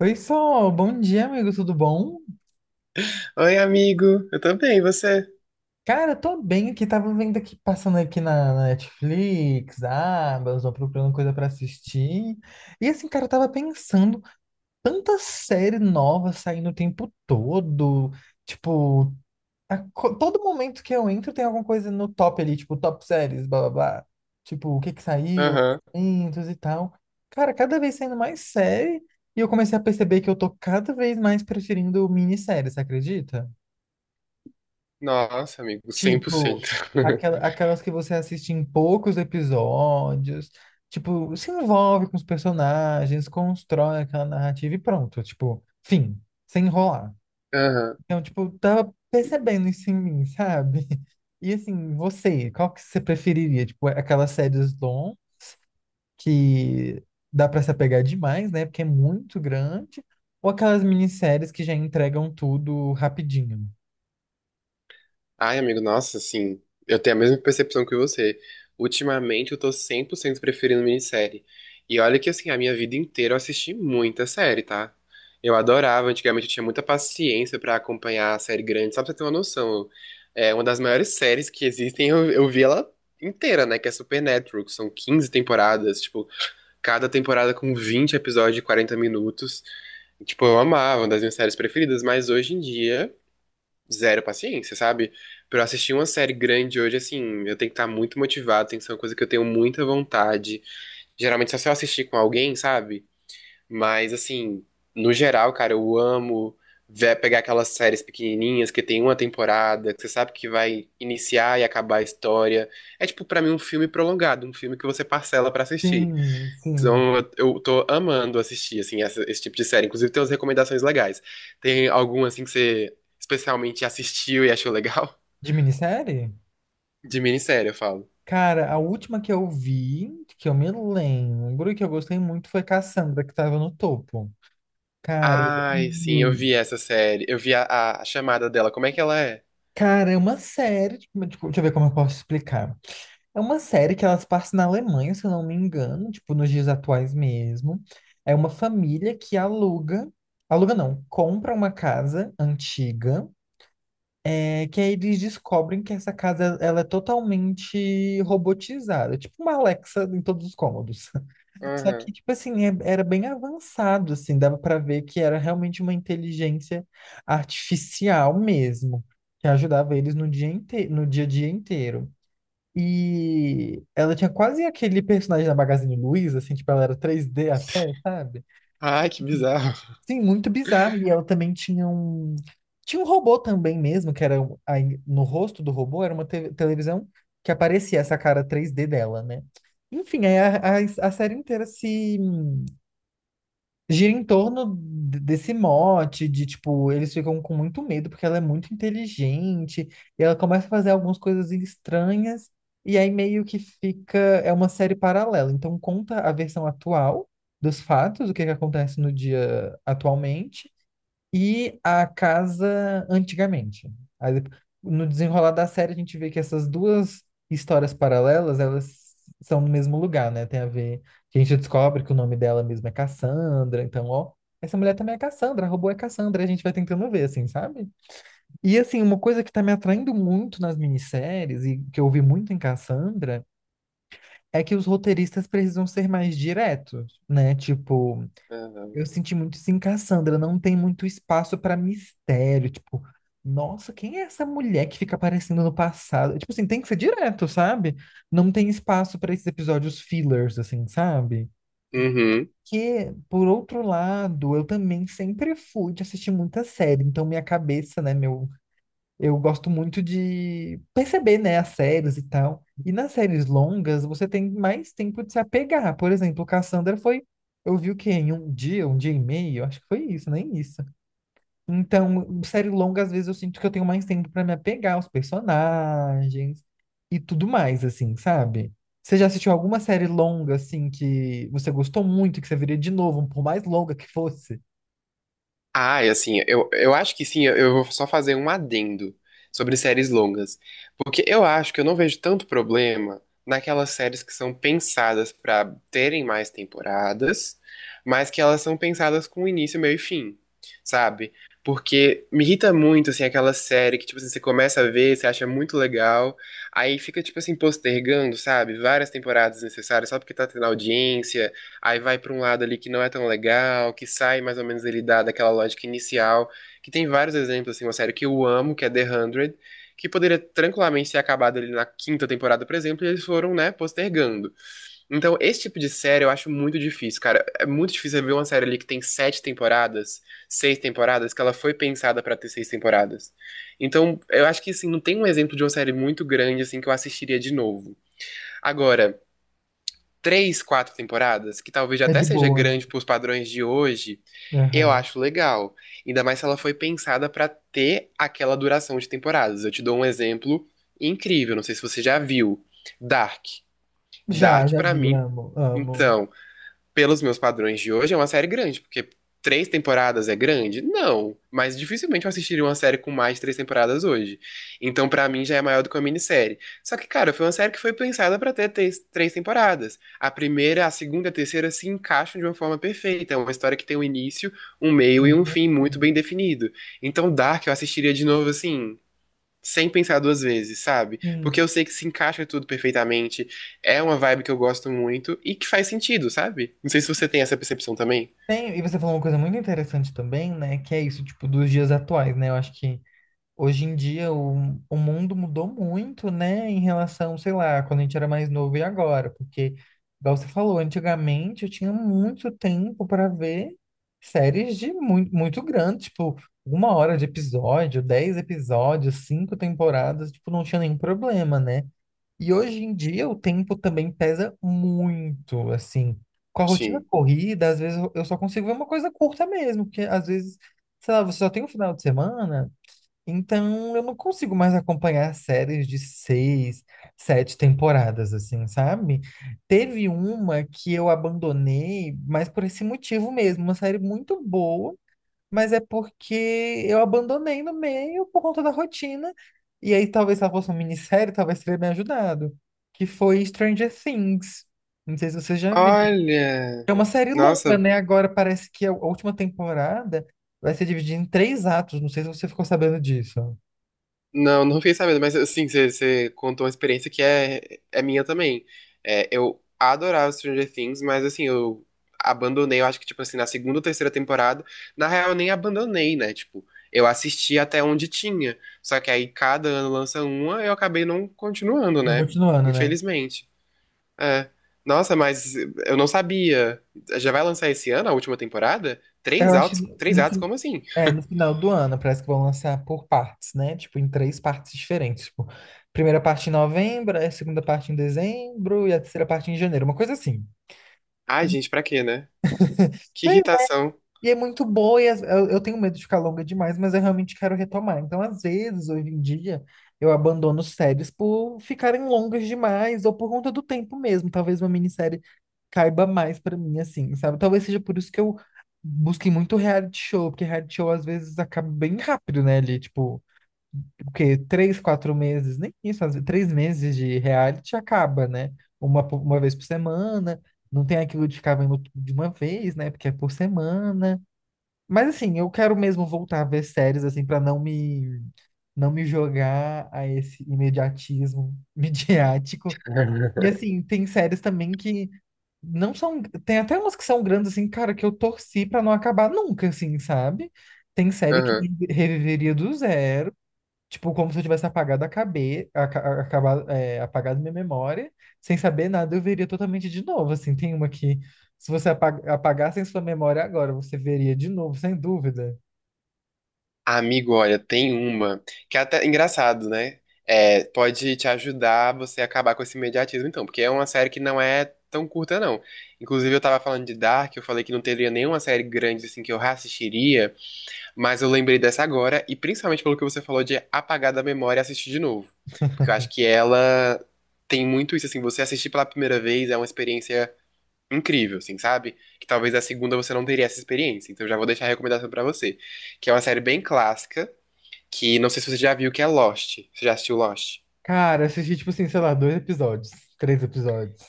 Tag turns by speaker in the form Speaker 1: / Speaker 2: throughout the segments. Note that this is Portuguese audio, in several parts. Speaker 1: Oi, Sol, bom dia, amigo, tudo bom?
Speaker 2: Oi, amigo. Eu também, e você?
Speaker 1: Cara, tô bem aqui, tava vendo aqui, passando aqui na Netflix, abas, ó, procurando coisa pra assistir. E assim, cara, eu tava pensando, tanta série nova saindo o tempo todo, tipo, todo momento que eu entro tem alguma coisa no top ali, tipo, top séries, blá blá blá. Tipo, o que que saiu,
Speaker 2: Aham.
Speaker 1: lançamentos e tal. Cara, cada vez saindo mais série, e eu comecei a perceber que eu tô cada vez mais preferindo minissérie, você acredita?
Speaker 2: Nossa, amigo, 100%.
Speaker 1: Tipo, aquelas que você assiste em poucos episódios, tipo, se envolve com os personagens, constrói aquela narrativa e pronto, tipo, fim, sem enrolar.
Speaker 2: Aham.
Speaker 1: Então, tipo, tava percebendo isso em mim, sabe? E assim, você, qual que você preferiria? Tipo, aquelas séries long que dá pra se apegar demais, né? Porque é muito grande, ou aquelas minisséries que já entregam tudo rapidinho?
Speaker 2: Ai, amigo, nossa, assim, eu tenho a mesma percepção que você. Ultimamente eu tô 100% preferindo minissérie. E olha que, assim, a minha vida inteira eu assisti muita série, tá? Eu adorava, antigamente eu tinha muita paciência pra acompanhar a série grande, só pra você ter uma noção. É uma das maiores séries que existem, eu vi ela inteira, né? Que é Supernatural, que são 15 temporadas, tipo, cada temporada com 20 episódios de 40 minutos. Tipo, eu amava, uma das minhas séries preferidas, mas hoje em dia, zero paciência, sabe? Pra eu assistir uma série grande hoje, assim, eu tenho que estar muito motivado, tem que ser uma coisa que eu tenho muita vontade. Geralmente só se eu assistir com alguém, sabe? Mas, assim, no geral, cara, eu amo ver, pegar aquelas séries pequenininhas que tem uma temporada, que você sabe que vai iniciar e acabar a história. É, tipo, pra mim, um filme prolongado, um filme que você parcela pra assistir.
Speaker 1: Sim, sim.
Speaker 2: Então, eu tô amando assistir, assim, esse tipo de série. Inclusive, tem umas recomendações legais. Tem algum, assim, que você especialmente assistiu e achou legal?
Speaker 1: De minissérie?
Speaker 2: De minissérie, eu falo.
Speaker 1: Cara, a última que eu vi, que eu me lembro e que eu gostei muito foi Cassandra, que tava no topo. Cara, eu
Speaker 2: Ai, sim, eu
Speaker 1: amei.
Speaker 2: vi essa série. Eu vi a chamada dela. Como é que ela é?
Speaker 1: Cara, é uma série, tipo, deixa eu ver como eu posso explicar. É uma série que elas passam na Alemanha, se eu não me engano, tipo, nos dias atuais mesmo. É uma família que aluga, aluga não, compra uma casa antiga, é, que aí eles descobrem que essa casa, ela é totalmente robotizada, tipo uma Alexa em todos os cômodos. Só que,
Speaker 2: Aham.
Speaker 1: tipo assim, era bem avançado, assim, dava pra ver que era realmente uma inteligência artificial mesmo, que ajudava eles no dia inteiro, no dia a dia inteiro. E ela tinha quase aquele personagem da Magazine Luiza, assim, tipo, ela era 3D até, sabe?
Speaker 2: Ai, que bizarro.
Speaker 1: Sim, muito bizarro. E ela também tinha um... Tinha um robô também mesmo, que era... aí no rosto do robô era uma televisão que aparecia essa cara 3D dela, né? Enfim, aí a série inteira se gira em torno desse mote de tipo, eles ficam com muito medo porque ela é muito inteligente e ela começa a fazer algumas coisas estranhas e aí meio que fica, é uma série paralela. Então conta a versão atual dos fatos, o que que acontece no dia atualmente e a casa antigamente. Aí, dep- no desenrolar da série, a gente vê que essas duas histórias paralelas, elas são no mesmo lugar, né? Tem a ver que a gente descobre que o nome dela mesma é Cassandra, então, ó, essa mulher também é Cassandra, a robô é Cassandra, a gente vai tentando ver, assim, sabe? E, assim, uma coisa que tá me atraindo muito nas minisséries e que eu vi muito em Cassandra é que os roteiristas precisam ser mais diretos, né? Tipo,
Speaker 2: Aham.
Speaker 1: eu senti muito isso em Cassandra, não tem muito espaço pra mistério, tipo, nossa, quem é essa mulher que fica aparecendo no passado? Tipo assim, tem que ser direto, sabe? Não tem espaço pra esses episódios fillers, assim, sabe?
Speaker 2: Uhum.
Speaker 1: Que, por outro lado, eu também sempre fui de assistir muita série, então minha cabeça, né, meu eu gosto muito de perceber, né, as séries e tal. E nas séries longas, você tem mais tempo de se apegar. Por exemplo, Cassandra foi. Eu vi o quê? Em um dia e meio? Acho que foi isso, nem isso. Então, série longa, às vezes eu sinto que eu tenho mais tempo para me apegar aos personagens e tudo mais, assim, sabe? Você já assistiu alguma série longa, assim, que você gostou muito, que você veria de novo, por mais longa que fosse?
Speaker 2: Ah, e assim, eu acho que sim, eu vou só fazer um adendo sobre séries longas. Porque eu acho que eu não vejo tanto problema naquelas séries que são pensadas pra terem mais temporadas, mas que elas são pensadas com início, meio e fim, sabe? Porque me irrita muito, assim, aquela série que, tipo assim, você começa a ver, você acha muito legal, aí fica, tipo assim, postergando, sabe? Várias temporadas necessárias só porque tá tendo audiência. Aí vai pra um lado ali que não é tão legal, que sai mais ou menos ele dá daquela lógica inicial, que tem vários exemplos, assim, uma série que eu amo, que é The 100, que poderia tranquilamente ser acabado ali na 5.ª temporada, por exemplo, e eles foram, né, postergando. Então, esse tipo de série eu acho muito difícil, cara. É muito difícil ver uma série ali que tem 7 temporadas, 6 temporadas, que ela foi pensada pra ter 6 temporadas. Então, eu acho que, assim, não tem um exemplo de uma série muito grande, assim, que eu assistiria de novo. Agora, três, quatro temporadas, que talvez
Speaker 1: É
Speaker 2: até
Speaker 1: de
Speaker 2: seja
Speaker 1: boa, né?
Speaker 2: grande para os padrões de hoje, eu
Speaker 1: Aham.
Speaker 2: acho legal. Ainda mais se ela foi pensada para ter aquela duração de temporadas. Eu te dou um exemplo incrível, não sei se você já viu. Dark.
Speaker 1: Já,
Speaker 2: Dark,
Speaker 1: já
Speaker 2: para
Speaker 1: vi,
Speaker 2: mim,
Speaker 1: amo, amo.
Speaker 2: então, pelos meus padrões de hoje, é uma série grande, porque três temporadas é grande? Não, mas dificilmente eu assistiria uma série com mais de três temporadas hoje. Então, pra mim, já é maior do que uma minissérie. Só que, cara, foi uma série que foi pensada pra ter três temporadas. A primeira, a segunda e a terceira se encaixam de uma forma perfeita. É uma história que tem um início, um meio e um
Speaker 1: Amo.
Speaker 2: fim muito bem definido. Então, Dark eu assistiria de novo assim sem pensar duas vezes, sabe?
Speaker 1: Sim,
Speaker 2: Porque eu sei que se encaixa tudo perfeitamente, é uma vibe que eu gosto muito e que faz sentido, sabe? Não sei se você tem essa percepção também.
Speaker 1: tem, e você falou uma coisa muito interessante também, né? Que é isso, tipo, dos dias atuais, né? Eu acho que hoje em dia o mundo mudou muito, né? Em relação, sei lá, quando a gente era mais novo e agora, porque, igual você falou, antigamente eu tinha muito tempo para ver séries de muito, muito grande, tipo, uma hora de episódio, dez episódios, cinco temporadas, tipo, não tinha nenhum problema, né? E hoje em dia o tempo também pesa muito, assim. Com a rotina
Speaker 2: Sim.
Speaker 1: corrida, às vezes eu só consigo ver uma coisa curta mesmo, porque às vezes, sei lá, você só tem um final de semana, então eu não consigo mais acompanhar séries de seis, sete temporadas, assim, sabe? Teve uma que eu abandonei, mas por esse motivo mesmo, uma série muito boa, mas é porque eu abandonei no meio por conta da rotina. E aí, talvez se ela fosse uma minissérie, talvez teria me ajudado. Que foi Stranger Things. Não sei se você já viu.
Speaker 2: Olha,
Speaker 1: É uma série longa,
Speaker 2: nossa,
Speaker 1: né? Agora parece que a última temporada vai ser dividida em três atos. Não sei se você ficou sabendo disso.
Speaker 2: não, não fiquei sabendo, mas assim, você contou uma experiência que é minha também. É, eu adorava Stranger Things, mas assim, eu abandonei, eu acho que, tipo assim, na segunda ou terceira temporada, na real, eu nem abandonei, né? Tipo, eu assisti até onde tinha. Só que aí cada ano lança uma, eu acabei não continuando,
Speaker 1: Não,
Speaker 2: né?
Speaker 1: continuando, né?
Speaker 2: Infelizmente. É. Nossa, mas eu não sabia. Já vai lançar esse ano a última temporada?
Speaker 1: Eu acho que
Speaker 2: Três atos, como assim?
Speaker 1: é, no final do ano parece que vão lançar por partes, né? Tipo, em três partes diferentes. Tipo, primeira parte em novembro, a segunda parte em dezembro e a terceira parte em janeiro. Uma coisa assim.
Speaker 2: Ai, gente, pra quê, né? Que
Speaker 1: Pois é.
Speaker 2: irritação.
Speaker 1: E é muito boa, e eu tenho medo de ficar longa demais, mas eu realmente quero retomar. Então, às vezes, hoje em dia, eu abandono séries por ficarem longas demais, ou por conta do tempo mesmo. Talvez uma minissérie caiba mais pra mim, assim, sabe? Talvez seja por isso que eu busquei muito reality show, porque reality show às vezes acaba bem rápido, né? Ali, tipo, o quê? Três, quatro meses, nem isso, às vezes, três meses de reality acaba, né? Uma vez por semana, não tem aquilo de ficar vendo tudo de uma vez, né? Porque é por semana. Mas assim, eu quero mesmo voltar a ver séries assim para não me jogar a esse imediatismo midiático. E assim, tem séries também que não são, tem até umas que são grandes assim, cara, que eu torci pra não acabar nunca assim, sabe? Tem série que
Speaker 2: Aham.
Speaker 1: reviveria do zero. Tipo, como se eu tivesse apagado a acabado, é, apagado minha memória, sem saber nada, eu veria totalmente de novo. Assim, tem uma que, se você apagasse em sua memória agora, você veria de novo, sem dúvida.
Speaker 2: Amigo, olha, tem uma que é até engraçado, né? É, pode te ajudar você a acabar com esse imediatismo, então, porque é uma série que não é tão curta, não. Inclusive, eu tava falando de Dark, eu falei que não teria nenhuma série grande assim que eu reassistiria, mas eu lembrei dessa agora, e principalmente pelo que você falou de apagar da memória e assistir de novo. Porque eu acho que ela tem muito isso, assim, você assistir pela primeira vez é uma experiência incrível, assim, sabe? Que talvez a segunda você não teria essa experiência. Então, eu já vou deixar a recomendação pra você que é uma série bem clássica, que não sei se você já viu, que é Lost. Você já assistiu Lost?
Speaker 1: Cara, eu assisti, tipo assim, sei lá, dois episódios, três episódios.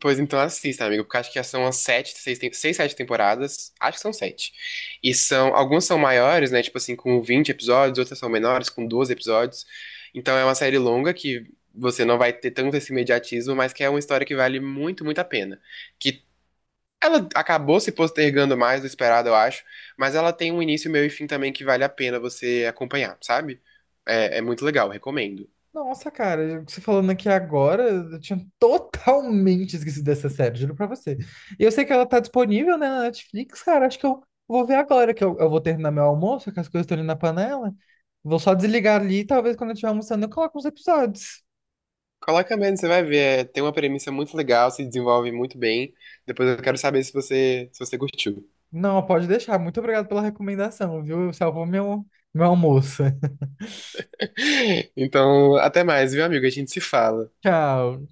Speaker 2: Pois então assista, amigo, porque acho que são as sete, seis, tem- seis, sete temporadas. Acho que são sete. E são, algumas são maiores, né? Tipo assim, com 20 episódios, outras são menores, com 12 episódios. Então é uma série longa que você não vai ter tanto esse imediatismo, mas que é uma história que vale muito, muito a pena. Que ela acabou se postergando mais do esperado, eu acho, mas ela tem um início, meio e fim também que vale a pena você acompanhar, sabe? É, é muito legal, recomendo.
Speaker 1: Nossa, cara, você falando aqui agora, eu tinha totalmente esquecido dessa série, juro pra você. E eu sei que ela tá disponível, né, na Netflix, cara, acho que eu vou ver agora, que eu vou terminar meu almoço, que as coisas estão ali na panela. Vou só desligar ali, e talvez quando eu estiver almoçando eu coloque uns episódios.
Speaker 2: Coloca mesmo, você vai ver. É, tem uma premissa muito legal, se desenvolve muito bem. Depois eu quero saber se se você curtiu.
Speaker 1: Não, pode deixar. Muito obrigado pela recomendação, viu? Salvou meu, meu almoço.
Speaker 2: Então, até mais, viu, amigo? A gente se fala.
Speaker 1: Tchau.